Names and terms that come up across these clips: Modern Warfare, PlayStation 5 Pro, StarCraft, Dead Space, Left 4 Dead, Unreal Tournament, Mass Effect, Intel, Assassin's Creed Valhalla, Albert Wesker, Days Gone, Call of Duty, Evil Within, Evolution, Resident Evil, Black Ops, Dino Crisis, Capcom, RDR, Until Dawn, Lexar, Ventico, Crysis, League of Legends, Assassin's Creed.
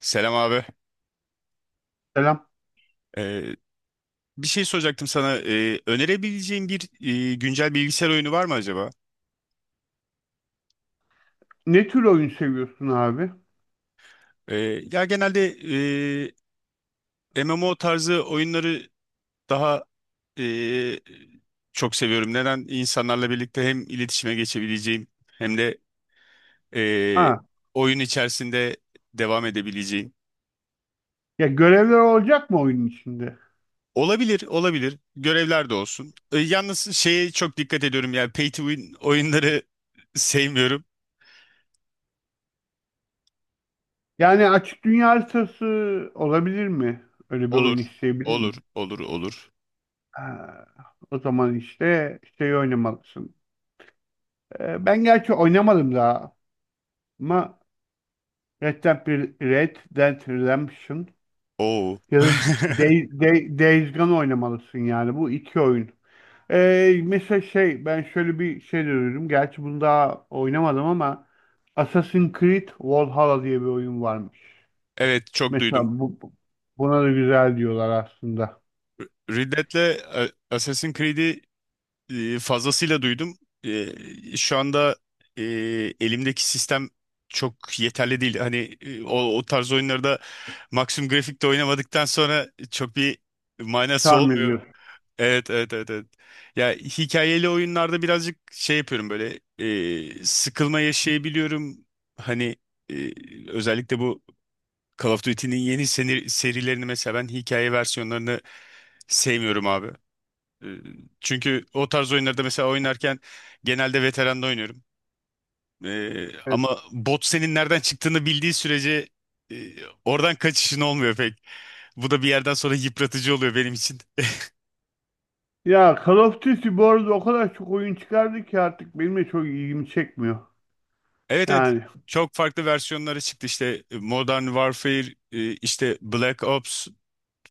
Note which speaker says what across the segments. Speaker 1: Selam abi.
Speaker 2: Selam.
Speaker 1: Ee, Bir şey soracaktım sana. Önerebileceğin bir güncel bilgisayar oyunu var mı acaba?
Speaker 2: Ne tür oyun seviyorsun abi?
Speaker 1: Ee, Ya genelde MMO tarzı oyunları daha e, çok seviyorum. Neden? İnsanlarla birlikte hem iletişime geçebileceğim hem de e,
Speaker 2: Ha,
Speaker 1: oyun içerisinde devam edebileceğim.
Speaker 2: ya görevler olacak mı oyunun içinde?
Speaker 1: Olabilir, olabilir. Görevler de olsun. Yalnız şeye çok dikkat ediyorum. Yani pay to win oyunları sevmiyorum.
Speaker 2: Yani açık dünya haritası olabilir mi? Öyle bir oyun
Speaker 1: Olur,
Speaker 2: isteyebilir mi?
Speaker 1: olur, olur, olur.
Speaker 2: Ha, o zaman işte şey oynamalısın. Ben gerçi oynamadım daha ama Red Dead, Red Dead Redemption
Speaker 1: Oo.
Speaker 2: ya da Days Gone oynamalısın yani bu iki oyun. Mesela şey ben şöyle bir şey de duydum. Gerçi bunu daha oynamadım ama Assassin's Creed Valhalla diye bir oyun varmış.
Speaker 1: Evet, çok
Speaker 2: Mesela
Speaker 1: duydum.
Speaker 2: buna da güzel diyorlar aslında.
Speaker 1: Ridlet'le Assassin's Creed'i fazlasıyla duydum. Şu anda e, elimdeki sistem çok yeterli değil. Hani o tarz oyunlarda maksimum grafikte oynamadıktan sonra çok bir manası
Speaker 2: Sarmıyor
Speaker 1: olmuyor.
Speaker 2: diyorsun.
Speaker 1: Evet, evet, evet, evet. Ya hikayeli oyunlarda birazcık şey yapıyorum, böyle sıkılma yaşayabiliyorum. Hani e, özellikle bu Call of Duty'nin yeni serilerini mesela ben hikaye versiyonlarını sevmiyorum abi. Ee, Çünkü o tarz oyunlarda mesela oynarken genelde veteranla oynuyorum.
Speaker 2: Evet.
Speaker 1: Ama bot senin nereden çıktığını bildiği sürece e, oradan kaçışın olmuyor pek. Bu da bir yerden sonra yıpratıcı oluyor benim için.
Speaker 2: Ya Call of Duty bu arada o kadar çok oyun çıkardı ki artık benim de çok ilgimi çekmiyor.
Speaker 1: Evet, evet.
Speaker 2: Yani
Speaker 1: Çok farklı versiyonları çıktı işte Modern Warfare, işte Black Ops,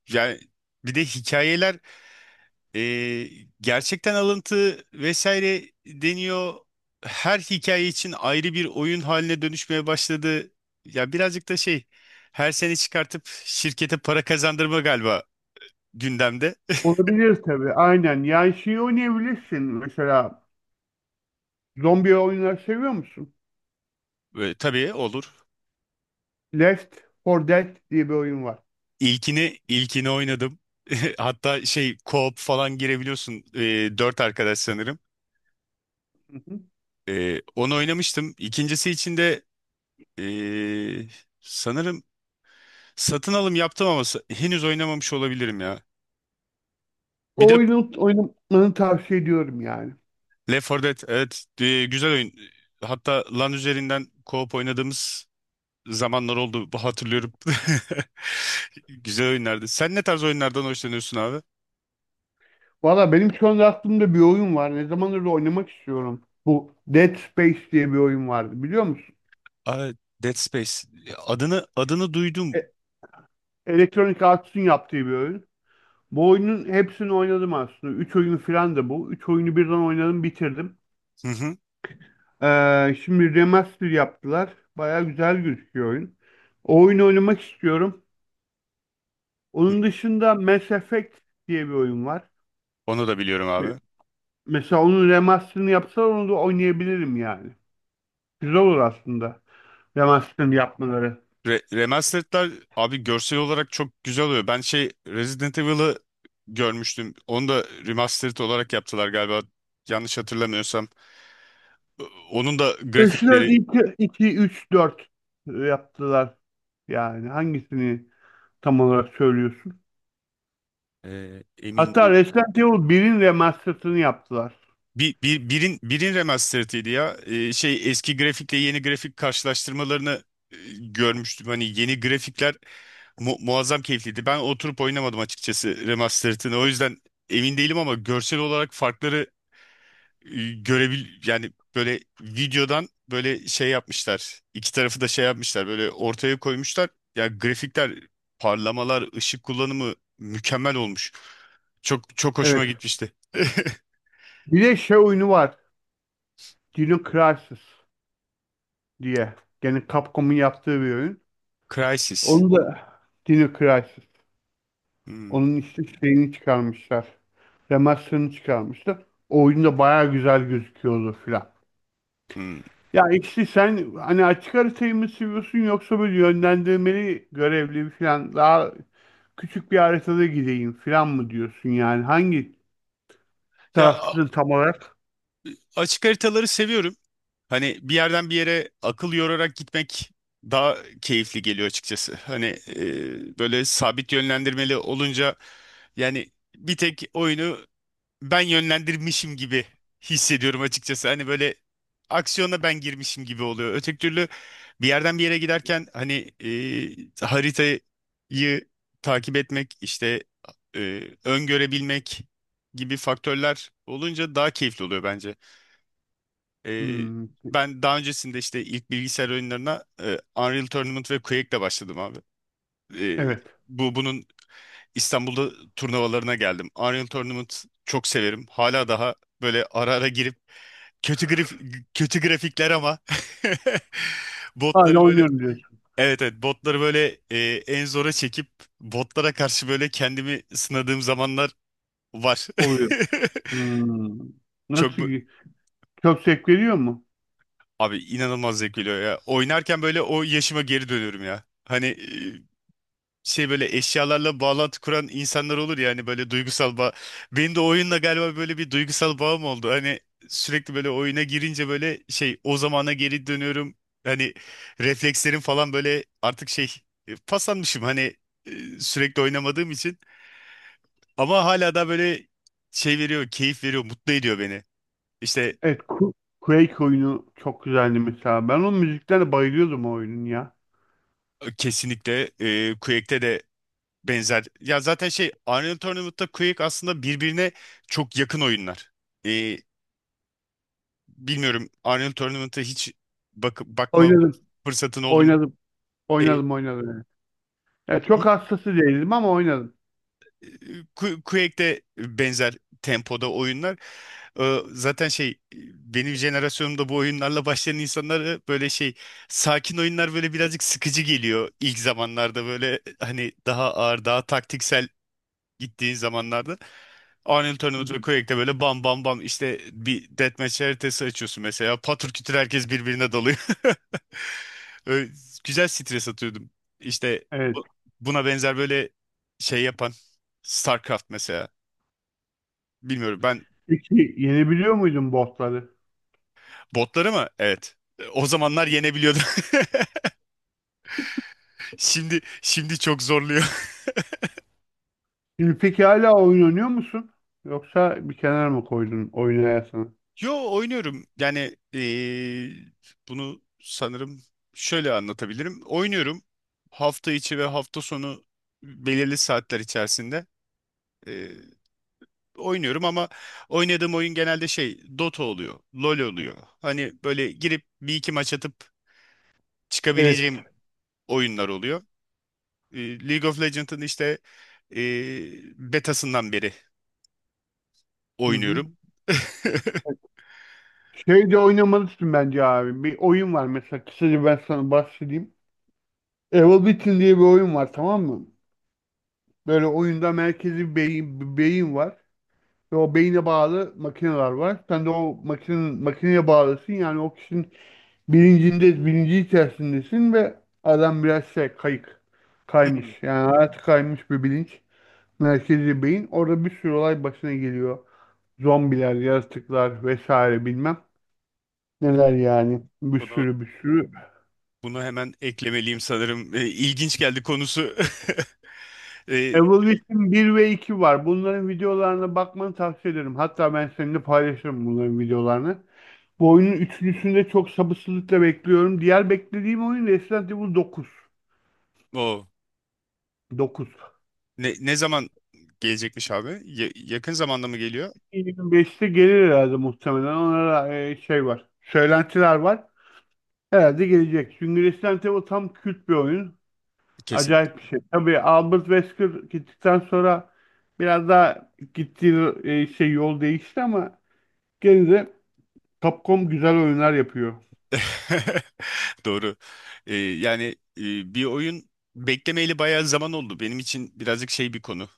Speaker 1: yani bir de hikayeler. Ee, Gerçekten alıntı vesaire deniyor. Her hikaye için ayrı bir oyun haline dönüşmeye başladı. Ya birazcık da şey, her sene çıkartıp şirkete para kazandırma galiba gündemde.
Speaker 2: olabilir tabii aynen. Yani şeyi oynayabilirsin mesela zombi oyunları seviyor musun?
Speaker 1: Tabii, olur.
Speaker 2: Left 4 Dead diye bir oyun var.
Speaker 1: İlkini oynadım. Hatta şey co-op falan girebiliyorsun. Dört arkadaş sanırım. Onu oynamıştım. İkincisi için de ee, sanırım satın alım yaptım ama henüz oynamamış olabilirim ya. Bir
Speaker 2: O
Speaker 1: de
Speaker 2: oyunu oynamanı tavsiye ediyorum yani.
Speaker 1: Left 4 Dead, evet, güzel oyun. Hatta LAN üzerinden co-op oynadığımız zamanlar oldu, bu hatırlıyorum. Güzel oyunlardı. Sen ne tarz oyunlardan hoşlanıyorsun abi?
Speaker 2: Valla benim şu anda aklımda bir oyun var. Ne zamandır da oynamak istiyorum. Bu Dead Space diye bir oyun vardı biliyor musun?
Speaker 1: Abi, Dead Space. Adını duydum.
Speaker 2: E Electronic Arts'ın yaptığı bir oyun. Bu oyunun hepsini oynadım aslında. Üç oyunu falan da bu. Üç oyunu birden oynadım bitirdim.
Speaker 1: Hı hı.
Speaker 2: Şimdi remaster yaptılar. Baya güzel gözüküyor oyun. O oyunu oynamak istiyorum. Onun dışında Mass Effect diye bir oyun var.
Speaker 1: Onu da biliyorum
Speaker 2: Me-
Speaker 1: abi.
Speaker 2: Mesela onun remasterını yapsalar onu da oynayabilirim yani. Güzel olur aslında. Hemen yapmaları.
Speaker 1: Remastered'lar abi görsel olarak çok güzel oluyor. Ben şey Resident Evil'ı görmüştüm. Onu da remastered olarak yaptılar galiba. Yanlış hatırlamıyorsam. Onun da
Speaker 2: Eşler
Speaker 1: grafikleri
Speaker 2: 2, 2, 3, 4 yaptılar. Yani hangisini tam olarak söylüyorsun?
Speaker 1: emin
Speaker 2: Hatta
Speaker 1: değil.
Speaker 2: Resident Evil 1'in remastered'ını yaptılar.
Speaker 1: Birin remastered'ıydı ya. Şey, eski grafikle yeni grafik karşılaştırmalarını görmüştüm. Hani yeni grafikler muazzam keyifliydi. Ben oturup oynamadım açıkçası remastered'ını. O yüzden emin değilim ama görsel olarak farkları görebil, yani böyle videodan böyle şey yapmışlar. İki tarafı da şey yapmışlar. Böyle ortaya koymuşlar. Ya grafikler, parlamalar, ışık kullanımı mükemmel olmuş. Çok hoşuma
Speaker 2: Evet.
Speaker 1: gitmişti.
Speaker 2: Bir de şey oyunu var. Dino Crisis diye. Yani Capcom'un yaptığı bir oyun.
Speaker 1: Crysis.
Speaker 2: Onu da Dino Crisis.
Speaker 1: Hmm,
Speaker 2: Onun işte şeyini çıkarmışlar. Remaster'ını çıkarmışlar. O oyun da bayağı güzel gözüküyordu filan.
Speaker 1: hmm.
Speaker 2: Ya ikisi sen hani açık haritayı mı seviyorsun yoksa böyle yönlendirmeli görevli falan daha küçük bir haritada gideyim falan mı diyorsun yani hangi
Speaker 1: Ya a-
Speaker 2: taraftasın tam olarak?
Speaker 1: Açık haritaları seviyorum. Hani bir yerden bir yere akıl yorarak gitmek daha keyifli geliyor açıkçası. Hani böyle sabit yönlendirmeli olunca yani bir tek oyunu ben yönlendirmişim gibi hissediyorum açıkçası. Hani böyle aksiyona ben girmişim gibi oluyor. Öteki türlü bir yerden bir yere giderken hani haritayı takip etmek işte öngörebilmek gibi faktörler olunca daha keyifli oluyor bence. E,
Speaker 2: Hmm,
Speaker 1: Ben daha öncesinde işte ilk bilgisayar oyunlarına Unreal Tournament ve Quake'le başladım abi. E,
Speaker 2: evet.
Speaker 1: bu Bunun İstanbul'da turnuvalarına geldim. Arion Tournament çok severim. Hala daha böyle ara ara girip kötü grif kötü grafikler, ama
Speaker 2: Hala
Speaker 1: botları böyle
Speaker 2: oynuyorum diyorsun.
Speaker 1: evet, evet, botları böyle en zora çekip botlara karşı böyle kendimi sınadığım zamanlar var.
Speaker 2: Oluyor. Hmm. Nasıl
Speaker 1: Çok bu-
Speaker 2: ki? Çok zevk veriyor mu?
Speaker 1: Abi, inanılmaz zevk veriyor ya. Oynarken böyle o yaşıma geri dönüyorum ya. Hani şey böyle eşyalarla bağlantı kuran insanlar olur ya, hani böyle duygusal bağ. Benim de oyunla galiba böyle bir duygusal bağım oldu. Hani sürekli böyle oyuna girince böyle şey o zamana geri dönüyorum. Hani reflekslerim falan böyle artık şey paslanmışım, hani sürekli oynamadığım için. Ama hala da böyle şey veriyor, keyif veriyor, mutlu ediyor beni. İşte
Speaker 2: Evet. Quake oyunu çok güzeldi mesela. Ben onun müziklerine bayılıyordum o oyunun ya.
Speaker 1: kesinlikle Quake'te de benzer. Ya zaten şey Unreal Tournament'ta Quake aslında birbirine çok yakın oyunlar. E, Bilmiyorum, Arnold Tournament'a hiç bakma
Speaker 2: Oynadım.
Speaker 1: fırsatın oldu mu?
Speaker 2: Oynadım.
Speaker 1: E,
Speaker 2: Oynadım. Oynadım. Evet. Ya çok
Speaker 1: hi-
Speaker 2: hastası değildim ama oynadım.
Speaker 1: Quake'de benzer tempoda oyunlar. Zaten şey benim jenerasyonumda bu oyunlarla başlayan insanlara böyle şey sakin oyunlar böyle birazcık sıkıcı geliyor ilk zamanlarda, böyle hani daha ağır daha taktiksel gittiğin zamanlarda. Arnold
Speaker 2: Hı
Speaker 1: Tournament
Speaker 2: hı.
Speaker 1: ve Quake'de böyle bam bam bam, işte bir deathmatch haritası açıyorsun mesela. Patır kütür herkes birbirine dalıyor. Öyle güzel stres atıyordum. İşte
Speaker 2: Evet.
Speaker 1: bu- buna benzer böyle şey yapan StarCraft mesela. Bilmiyorum. Ben
Speaker 2: Peki yenebiliyor muydun botları?
Speaker 1: botları mı? Evet. O zamanlar yenebiliyordum. Şimdi çok zorluyor.
Speaker 2: Şimdi peki hala oyun oynuyor musun? Yoksa bir kenara mı koydun oynayasını?
Speaker 1: Yo, oynuyorum. Yani bunu sanırım şöyle anlatabilirim. Oynuyorum, hafta içi ve hafta sonu belirli saatler içerisinde oynuyorum, ama oynadığım oyun genelde şey Dota oluyor, LoL oluyor. Hani böyle girip bir iki maç atıp
Speaker 2: Evet.
Speaker 1: çıkabileceğim oyunlar oluyor. League of Legends'ın işte e, betasından beri
Speaker 2: Hı hı.
Speaker 1: oynuyorum.
Speaker 2: Şey de oynamalısın bence abi. Bir oyun var mesela kısaca ben sana bahsedeyim. Evil Within diye bir oyun var tamam mı? Böyle oyunda merkezi bir beyin, bir beyin var. Ve o beyine bağlı makineler var. Sen de o makine, makineye bağlısın. Yani o kişinin bilincinde, bilinci içerisindesin ve adam biraz şey kayık kaymış.
Speaker 1: Hmm.
Speaker 2: Yani hayatı kaymış bir bilinç. Merkezi beyin. Orada bir sürü olay başına geliyor. Zombiler, yaratıklar vesaire bilmem. Neler yani. Bir
Speaker 1: Bunu
Speaker 2: sürü bir sürü.
Speaker 1: bunu hemen eklemeliyim sanırım. İlginç geldi konusu. E,
Speaker 2: Evolution bir ve 2 var. Bunların videolarına bakmanı tavsiye ederim. Hatta ben seninle paylaşırım bunların videolarını. Bu oyunun üçüncüsünü de çok sabırsızlıkla bekliyorum. Diğer beklediğim oyun Resident Evil dokuz
Speaker 1: o
Speaker 2: dokuz
Speaker 1: ne zaman gelecekmiş abi? Yakın zamanda mı geliyor?
Speaker 2: 25'te gelir herhalde muhtemelen. Ona şey var. Söylentiler var. Herhalde gelecek. Çünkü Resident Evil tam kült bir oyun.
Speaker 1: Kesin.
Speaker 2: Acayip bir şey. Tabii Albert Wesker gittikten sonra biraz daha gittiği şey yol değişti ama gene de Capcom güzel oyunlar yapıyor.
Speaker 1: Doğru. Yani e, bir oyun beklemeyeli bayağı zaman oldu. Benim için birazcık şey bir konu.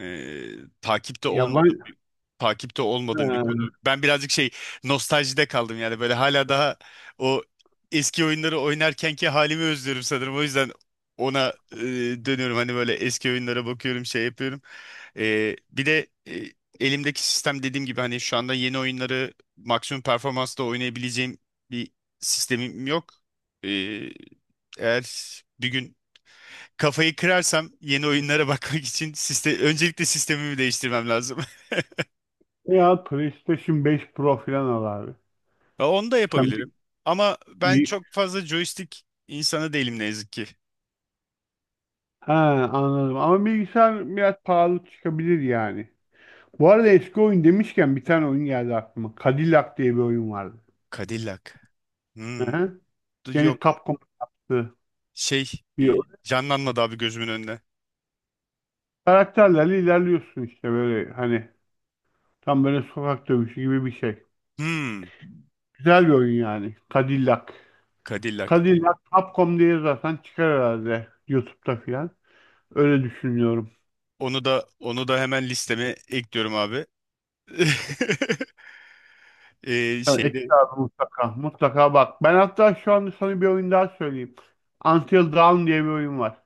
Speaker 1: Ee, takipte
Speaker 2: Yaban
Speaker 1: olmadığım bir Takipte
Speaker 2: He,
Speaker 1: olmadığım bir konu. Ben birazcık şey nostaljide kaldım, yani böyle hala daha o eski oyunları oynarkenki halimi özlüyorum sanırım. O yüzden ona dönüyorum, hani böyle eski oyunlara bakıyorum şey yapıyorum. Bir de elimdeki sistem dediğim gibi, hani şu anda yeni oyunları maksimum performansla oynayabileceğim bir sistemim yok. Ee, Eğer bir gün kafayı kırarsam yeni oyunlara bakmak için öncelikle sistemimi değiştirmem lazım.
Speaker 2: ya PlayStation 5 Pro falan al abi.
Speaker 1: Ya, onu da
Speaker 2: Sen bir,
Speaker 1: yapabilirim. Ama ben
Speaker 2: bir-
Speaker 1: çok fazla joystick insanı değilim ne yazık ki.
Speaker 2: ha, anladım. Ama bilgisayar biraz pahalı çıkabilir yani. Bu arada eski oyun demişken bir tane oyun geldi aklıma. Cadillac diye bir oyun vardı.
Speaker 1: Cadillac.
Speaker 2: Hı
Speaker 1: Hmm.
Speaker 2: hı.
Speaker 1: Dur,
Speaker 2: Gene
Speaker 1: yok.
Speaker 2: Capcom yaptı.
Speaker 1: Şey
Speaker 2: Bir
Speaker 1: e,
Speaker 2: oyun.
Speaker 1: canlanmadı abi gözümün önüne.
Speaker 2: Karakterlerle ilerliyorsun işte böyle hani tam böyle sokak dövüşü gibi bir şey.
Speaker 1: Hmm.
Speaker 2: Güzel bir oyun yani. Cadillac.
Speaker 1: Cadillac.
Speaker 2: Cadillac Capcom diye zaten çıkar herhalde YouTube'da filan. Öyle düşünüyorum.
Speaker 1: Onu da hemen listeme ekliyorum abi.
Speaker 2: Evet, Ekin
Speaker 1: Şeyde.
Speaker 2: abi mutlaka. Mutlaka bak. Ben hatta şu anda sana bir oyun daha söyleyeyim. Until Dawn diye bir oyun var.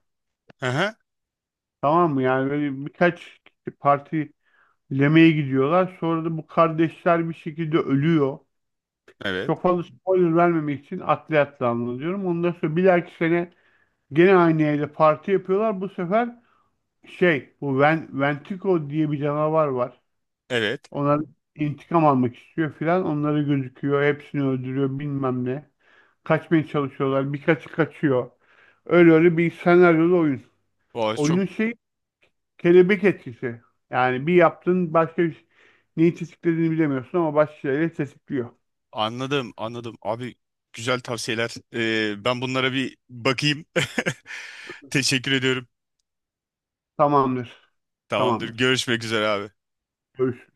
Speaker 1: Aha.
Speaker 2: Tamam mı? Yani böyle birkaç parti yemeğe gidiyorlar. Sonra da bu kardeşler bir şekilde ölüyor.
Speaker 1: Evet.
Speaker 2: Çok fazla spoiler vermemek için atlı atlı anlatıyorum. Ondan sonra bir dahaki sene gene aynı yerde parti yapıyorlar. Bu sefer şey bu Ventico diye bir canavar var.
Speaker 1: Evet.
Speaker 2: Onlar intikam almak istiyor filan. Onları gözüküyor. Hepsini öldürüyor bilmem ne. Kaçmaya çalışıyorlar. Birkaçı kaçıyor. Öyle öyle bir senaryolu oyun.
Speaker 1: Vay, çok.
Speaker 2: Oyunun şeyi kelebek etkisi. Yani bir yaptın başka bir neyi tetiklediğini bilemiyorsun ama başka şeyleri tetikliyor.
Speaker 1: Anladım, anladım. Abi, güzel tavsiyeler. Ben bunlara bir bakayım. Teşekkür ediyorum.
Speaker 2: Tamamdır.
Speaker 1: Tamamdır.
Speaker 2: Tamamdır.
Speaker 1: Görüşmek üzere abi.
Speaker 2: Görüş.